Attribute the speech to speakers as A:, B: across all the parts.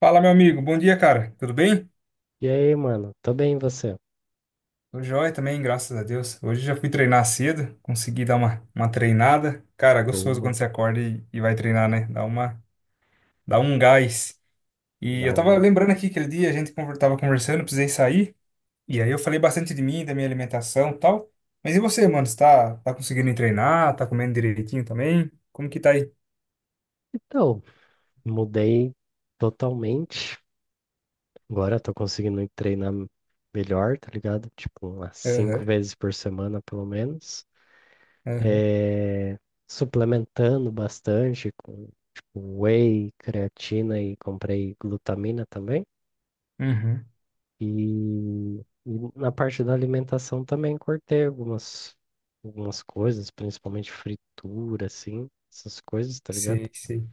A: Fala, meu amigo. Bom dia, cara. Tudo bem?
B: E aí, mano? Tô bem, e você?
A: Tô joia também, graças a Deus. Hoje já fui treinar cedo, consegui dar uma treinada. Cara, gostoso quando
B: Boa.
A: você acorda e vai treinar, né? Dá um gás. E
B: Dá
A: eu tava
B: um.
A: lembrando aqui aquele dia, a gente tava conversando, precisei sair. E aí eu falei bastante de mim, da minha alimentação e tal. Mas e você, mano? Você tá conseguindo treinar? Tá comendo direitinho também? Como que tá aí?
B: Então, mudei totalmente. Agora eu tô conseguindo ir treinar melhor, tá ligado? Tipo, umas cinco
A: Aham,
B: vezes por semana, pelo menos.
A: aham,
B: É... Suplementando bastante com tipo, whey, creatina e comprei glutamina também.
A: uhum.
B: E, e na parte da alimentação também cortei algumas coisas, principalmente fritura, assim, essas coisas, tá ligado?
A: Sei, sei.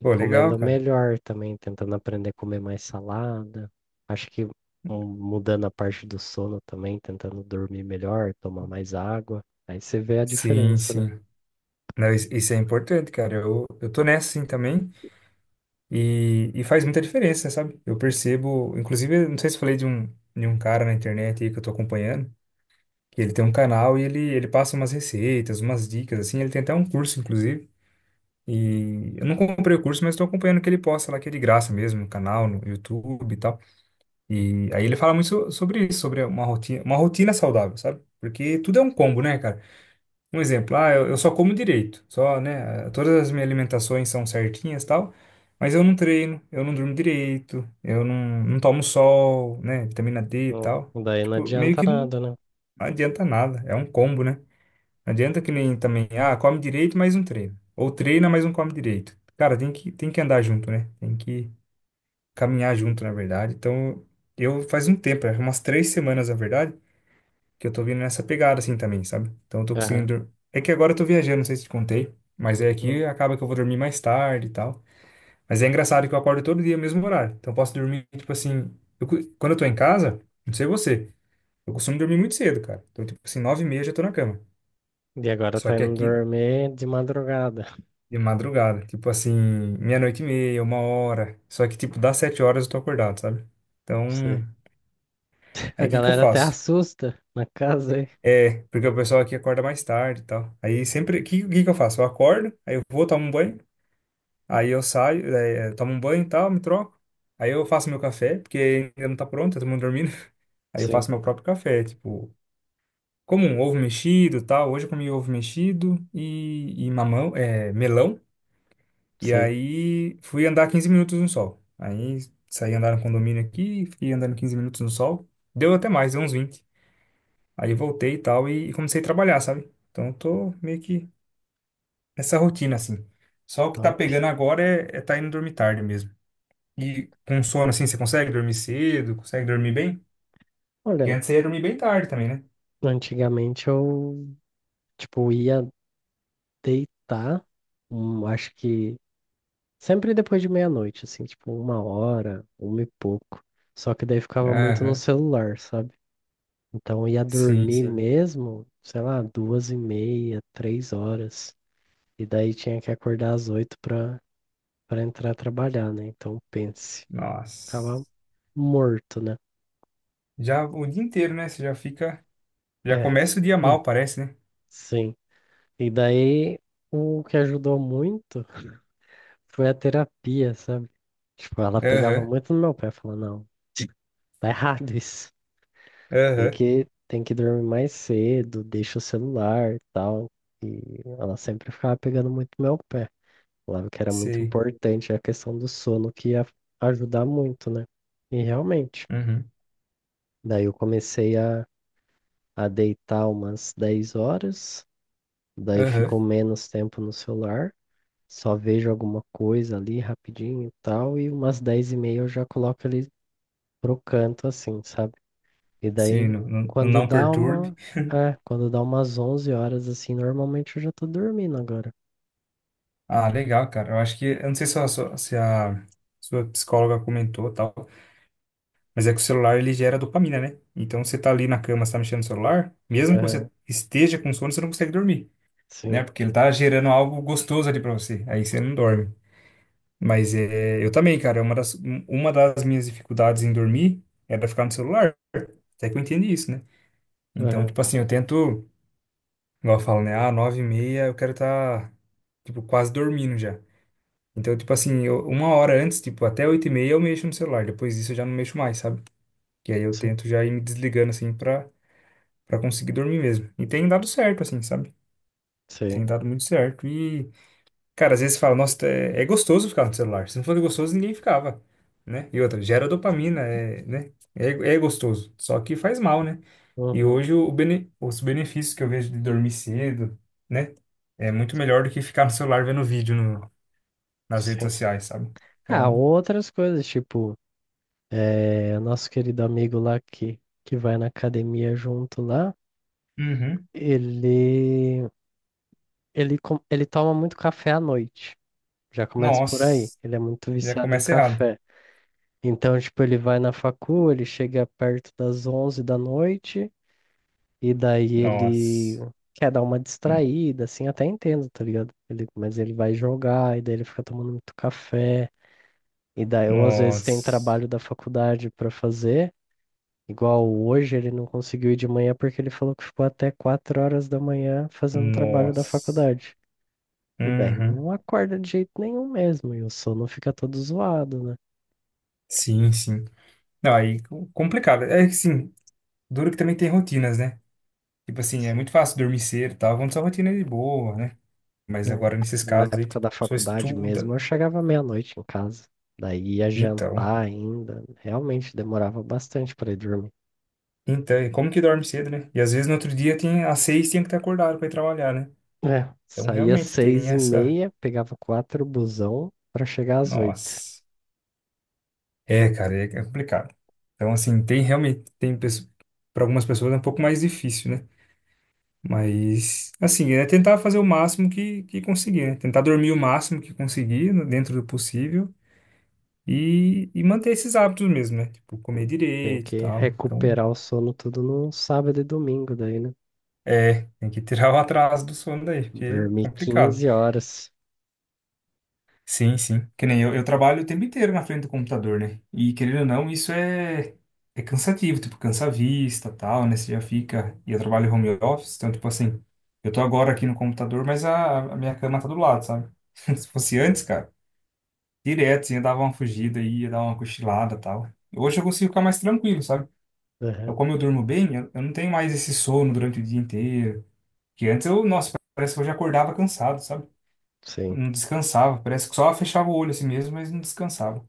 B: E
A: Pô, legal,
B: comendo
A: cara.
B: melhor também, tentando aprender a comer mais salada. Acho que mudando a parte do sono também, tentando dormir melhor, tomar mais água. Aí você vê a
A: Sim,
B: diferença, né?
A: sim. Não, isso é importante, cara. Eu tô nessa assim também e faz muita diferença, sabe? Eu percebo, inclusive, eu não sei se falei de um cara na internet aí que eu tô acompanhando, que ele tem um canal e ele passa umas receitas, umas dicas, assim. Ele tem até um curso, inclusive. E eu não comprei o curso, mas tô acompanhando o que ele posta lá, que é de graça mesmo, no canal, no YouTube e tal. E aí ele fala muito sobre isso, sobre uma rotina saudável, sabe? Porque tudo é um combo, né, cara? Um exemplo, eu só como direito, só, né? Todas as minhas alimentações são certinhas e tal, mas eu não treino, eu não durmo direito, eu não tomo sol, né? Vitamina D e
B: Hum.
A: tal.
B: Daí não
A: Tipo, meio
B: adianta
A: que não
B: nada, né?
A: adianta nada, é um combo, né? Não adianta que nem também, come direito, mas não treina. Ou treina, mas não come direito. Cara, tem que andar junto, né? Tem que caminhar junto, na verdade. Então, eu faz um tempo, é umas 3 semanas, na verdade, que eu tô vindo nessa pegada assim também, sabe? Então eu tô conseguindo.
B: Aham.
A: É que agora eu tô viajando, não sei se te contei, mas é aqui
B: Hum.
A: acaba que eu vou dormir mais tarde e tal. Mas é engraçado que eu acordo todo dia no mesmo horário. Então eu posso dormir, tipo assim. Quando eu tô em casa, não sei você, eu costumo dormir muito cedo, cara. Então, tipo assim, 9h30 eu já tô na cama.
B: E agora
A: Só
B: tá
A: que
B: indo
A: aqui
B: dormir de madrugada.
A: de madrugada, tipo assim, meia-noite e meia, uma hora. Só que, tipo, das 7h eu tô acordado, sabe? Então,
B: Sei. A
A: aí o que que eu
B: galera até
A: faço?
B: assusta na casa aí.
A: É, porque o pessoal aqui acorda mais tarde e tal. Aí sempre, que eu faço? Eu acordo, aí eu vou tomo um banho, aí eu saio, tomo um banho e tal, me troco. Aí eu faço meu café, porque ainda não tá pronto, tá todo mundo dormindo. Aí eu
B: Sim,
A: faço meu próprio café, tipo, como um ovo mexido e tal. Hoje eu comi ovo mexido e mamão, é, melão. E
B: sei.
A: aí fui andar 15 minutos no sol. Aí saí andar no condomínio aqui, fiquei andando 15 minutos no sol. Deu até mais, deu uns 20. Aí voltei e tal e comecei a trabalhar, sabe? Então eu tô meio que essa rotina, assim. Só o que tá
B: Top.
A: pegando agora é tá indo dormir tarde mesmo. E com sono, assim, você consegue dormir cedo? Consegue dormir bem? Porque
B: Olha,
A: antes você ia dormir bem tarde também, né?
B: antigamente eu, tipo, ia deitar, acho que sempre depois de meia-noite, assim, tipo uma hora, uma e pouco. Só que daí ficava muito no
A: Aham.
B: celular, sabe? Então ia
A: Sim,
B: dormir
A: sim.
B: mesmo, sei lá, 2h30, 3 horas. E daí tinha que acordar às 8h pra entrar trabalhar, né? Então pense, ficava
A: Nossa.
B: morto, né?
A: Já o dia inteiro, né? Você já fica. Já
B: É.
A: começa o dia
B: Hum.
A: mal, parece, né?
B: Sim. E daí o que ajudou muito foi a terapia, sabe? Tipo, ela pegava
A: Aham.
B: muito no meu pé, falando, não, tá errado isso. Tem
A: Aham.
B: que, tem que dormir mais cedo, deixa o celular e tal. E ela sempre ficava pegando muito meu pé. Falava que era muito
A: Sei.
B: importante a questão do sono, que ia ajudar muito, né? E realmente.
A: Uhum.
B: Daí eu comecei a deitar umas 10 horas, daí
A: Aham.
B: ficou menos tempo no celular, só vejo alguma coisa ali rapidinho e tal, e umas 10h30 eu já coloco ele pro canto, assim, sabe? E
A: Sim,
B: daí,
A: no
B: quando
A: não
B: dá
A: perturbe.
B: uma. É, quando dá umas 11 horas, assim, normalmente eu já tô dormindo agora.
A: Ah, legal, cara. Eu acho que. Eu não sei se se a sua psicóloga comentou tal. Mas é que o celular ele gera dopamina, né? Então você tá ali na cama, você tá mexendo no celular, mesmo que você
B: Aham,
A: esteja com sono, você não consegue dormir, né?
B: sim.
A: Porque ele tá gerando algo gostoso ali pra você. Aí você não dorme. Mas é, eu também, cara, é uma das minhas dificuldades em dormir era ficar no celular. Até que eu entendi isso, né? Então,
B: Aham,
A: tipo assim, eu tento, igual eu falo, né? Ah, 9h30 eu quero estar, tipo, quase dormindo já. Então, tipo assim, uma hora antes, tipo, até 8h30 eu mexo no celular. Depois disso eu já não mexo mais, sabe? Que aí eu
B: sim.
A: tento já ir me desligando, assim, Pra conseguir dormir mesmo. E tem dado certo, assim, sabe? Tem
B: Sim.
A: dado muito certo. E, cara, às vezes você fala, nossa, é gostoso ficar no celular. Se não fosse gostoso, ninguém ficava, né? E outra, gera dopamina, é, né? É gostoso, só que faz mal, né? E
B: Uhum,
A: hoje os benefícios que eu vejo de dormir cedo, né? É muito melhor do que ficar no celular vendo vídeo nas redes
B: sim.
A: sociais, sabe?
B: Ah,
A: Então,
B: outras coisas, tipo, nosso querido amigo lá que vai na academia junto lá,
A: uhum.
B: ele, ele toma muito café à noite. Já começa por aí.
A: Nossa,
B: Ele é muito
A: já
B: viciado em
A: começa errado.
B: café. Então, tipo, ele vai na facu, ele chega perto das 11 da noite. E daí ele
A: Nossa,
B: quer dar uma
A: hum,
B: distraída, assim, até entendo, tá ligado? Mas ele vai jogar, e daí ele fica tomando muito café. E daí eu, às vezes, tem
A: nossa,
B: trabalho da faculdade pra fazer. Igual hoje, ele não conseguiu ir de manhã porque ele falou que ficou até 4 horas da manhã fazendo trabalho da
A: nossa.
B: faculdade. E daí
A: Uhum.
B: não acorda de jeito nenhum mesmo, e o sono fica todo zoado, né?
A: Sim, sim. Não, aí complicado. É que sim, duro que também tem rotinas, né? Tipo assim, é
B: Sim.
A: muito fácil dormir cedo e tal, vamos sua rotina de boa, né? Mas
B: Né?
A: agora nesses
B: Na
A: casos aí,
B: época
A: tipo,
B: da
A: a pessoa
B: faculdade
A: estuda.
B: mesmo, eu chegava meia-noite em casa. Daí ia
A: Então,
B: jantar ainda. Realmente demorava bastante para ir dormir.
A: então, e como que dorme cedo, né? E às vezes no outro dia tem, às 6h tinha que estar acordado para ir trabalhar, né?
B: É,
A: Então
B: saía
A: realmente tem
B: seis e
A: essa.
B: meia, pegava quatro busão para chegar às 8h.
A: Nossa. É, cara, é complicado. Então, assim, tem realmente, tem para algumas pessoas é um pouco mais difícil, né? Mas, assim, é tentar fazer o máximo que conseguir, né? Tentar dormir o máximo que conseguir, dentro do possível, e manter esses hábitos mesmo, né? Tipo, comer
B: Tem
A: direito e
B: que
A: tal. Então,
B: recuperar o sono tudo no sábado e domingo daí, né?
A: tem que tirar o atraso do sono daí, porque é
B: Dormir
A: complicado.
B: 15 horas.
A: Sim, sim. Que nem eu trabalho o tempo inteiro na frente do computador, né? E, querendo ou não, isso é cansativo, tipo, cansa a vista e tal, né? Você já fica. E eu trabalho home office, então, tipo assim, eu tô agora aqui no computador, mas a minha cama tá do lado, sabe? Se fosse antes, cara. Direto, sim, eu dava uma fugida aí, ia dar uma cochilada e tal. Hoje eu consigo ficar mais tranquilo, sabe?
B: Aham,
A: Como eu durmo bem, eu não tenho mais esse sono durante o dia inteiro. Que antes eu, nossa, parece que eu já acordava cansado, sabe?
B: sim.
A: Não descansava, parece que só fechava o olho assim mesmo, mas não descansava.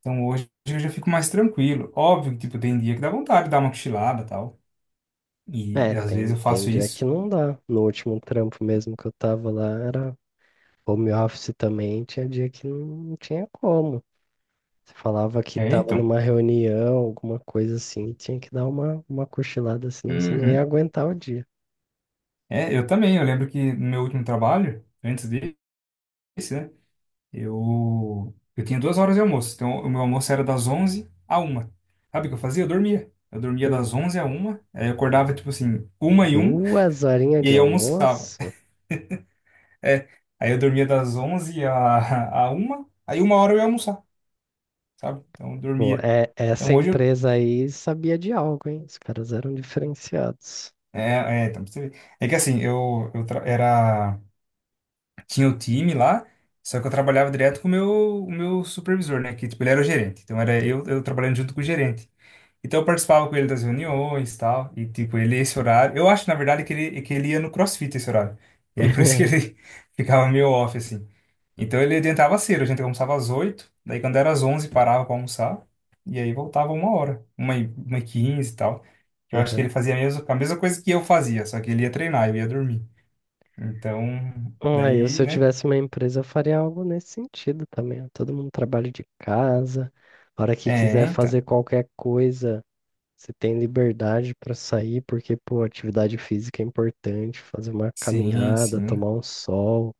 A: Então hoje eu já fico mais tranquilo. Óbvio que, tipo, tem dia que dá vontade de dar uma cochilada e tal. E,
B: É,
A: às vezes
B: tem,
A: eu
B: tem
A: faço
B: dia que
A: isso.
B: não dá. No último trampo mesmo que eu tava lá, era home office também, tinha dia que não tinha como. Você falava que
A: É,
B: estava
A: então.
B: numa reunião, alguma coisa assim, tinha que dar uma cochilada, senão você não ia
A: Uhum.
B: aguentar o dia.
A: É, eu também. Eu lembro que no meu último trabalho, antes desse, né? Eu tinha 2 horas de almoço, então o meu almoço era das 11 à uma. Sabe o que eu fazia? Eu dormia. Eu dormia das
B: Hum,
A: 11 à uma, aí eu acordava
B: bom.
A: tipo assim, uma e um,
B: Duas horinhas
A: e
B: de
A: aí eu almoçava.
B: almoço?
A: É, aí eu dormia das 11 à uma, aí uma hora eu ia almoçar, sabe? Então eu
B: Pô,
A: dormia.
B: é, essa
A: Então hoje eu,
B: empresa aí sabia de algo, hein? Os caras eram diferenciados.
A: então pra você ver. É que assim, eu era, tinha o time lá, só que eu trabalhava direto com o meu supervisor, né, que tipo ele era o gerente. Então era eu, trabalhando junto com o gerente. Então eu participava com ele das reuniões e tal, e tipo, ele esse horário, eu acho na verdade que ele ia no CrossFit esse horário. E aí por isso que ele ficava meio off assim. Então ele adiantava cedo, a gente almoçava às 8h, daí quando era às 11h parava pra almoçar, e aí voltava uma hora, uma e 15 e tal. Eu acho que ele
B: Uhum.
A: fazia a mesma coisa que eu fazia, só que ele ia treinar, eu ia dormir. Então,
B: Ah, eu, se
A: daí,
B: eu
A: né?
B: tivesse uma empresa, eu faria algo nesse sentido também. Ó. Todo mundo trabalha de casa, a hora que
A: É,
B: quiser
A: então.
B: fazer qualquer coisa. Você tem liberdade para sair, porque, pô, atividade física é importante, fazer uma
A: Sim,
B: caminhada,
A: sim.
B: tomar um sol,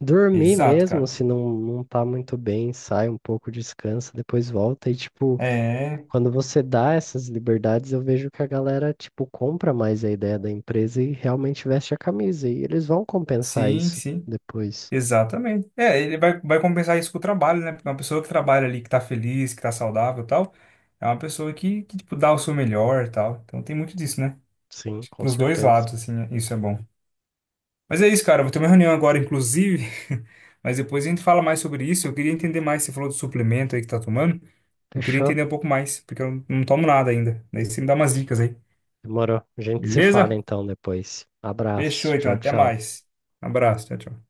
B: dormir
A: Exato,
B: mesmo,
A: cara.
B: se não, não tá muito bem, sai um pouco, descansa, depois volta. E, tipo,
A: É,
B: quando você dá essas liberdades, eu vejo que a galera, tipo, compra mais a ideia da empresa e realmente veste a camisa. E eles vão compensar
A: sim,
B: isso
A: sim.
B: depois.
A: Exatamente. É, ele vai compensar isso com o trabalho, né? Porque uma pessoa que trabalha ali, que tá feliz, que tá saudável e tal, é uma pessoa que tipo, dá o seu melhor e tal. Então tem muito disso, né?
B: Sim, com
A: Pros dois
B: certeza.
A: lados, assim, né? Isso é bom. Mas é isso, cara. Eu vou ter uma reunião agora, inclusive. Mas depois a gente fala mais sobre isso. Eu queria entender mais. Você falou do suplemento aí que tá tomando. Eu queria
B: Fechou?
A: entender um pouco mais, porque eu não tomo nada ainda. Daí você me dá umas dicas aí.
B: Demorou. A gente se fala
A: Beleza?
B: então depois. Abraço.
A: Fechou, então.
B: Tchau,
A: Até
B: tchau.
A: mais. Um abraço. Tchau, tchau.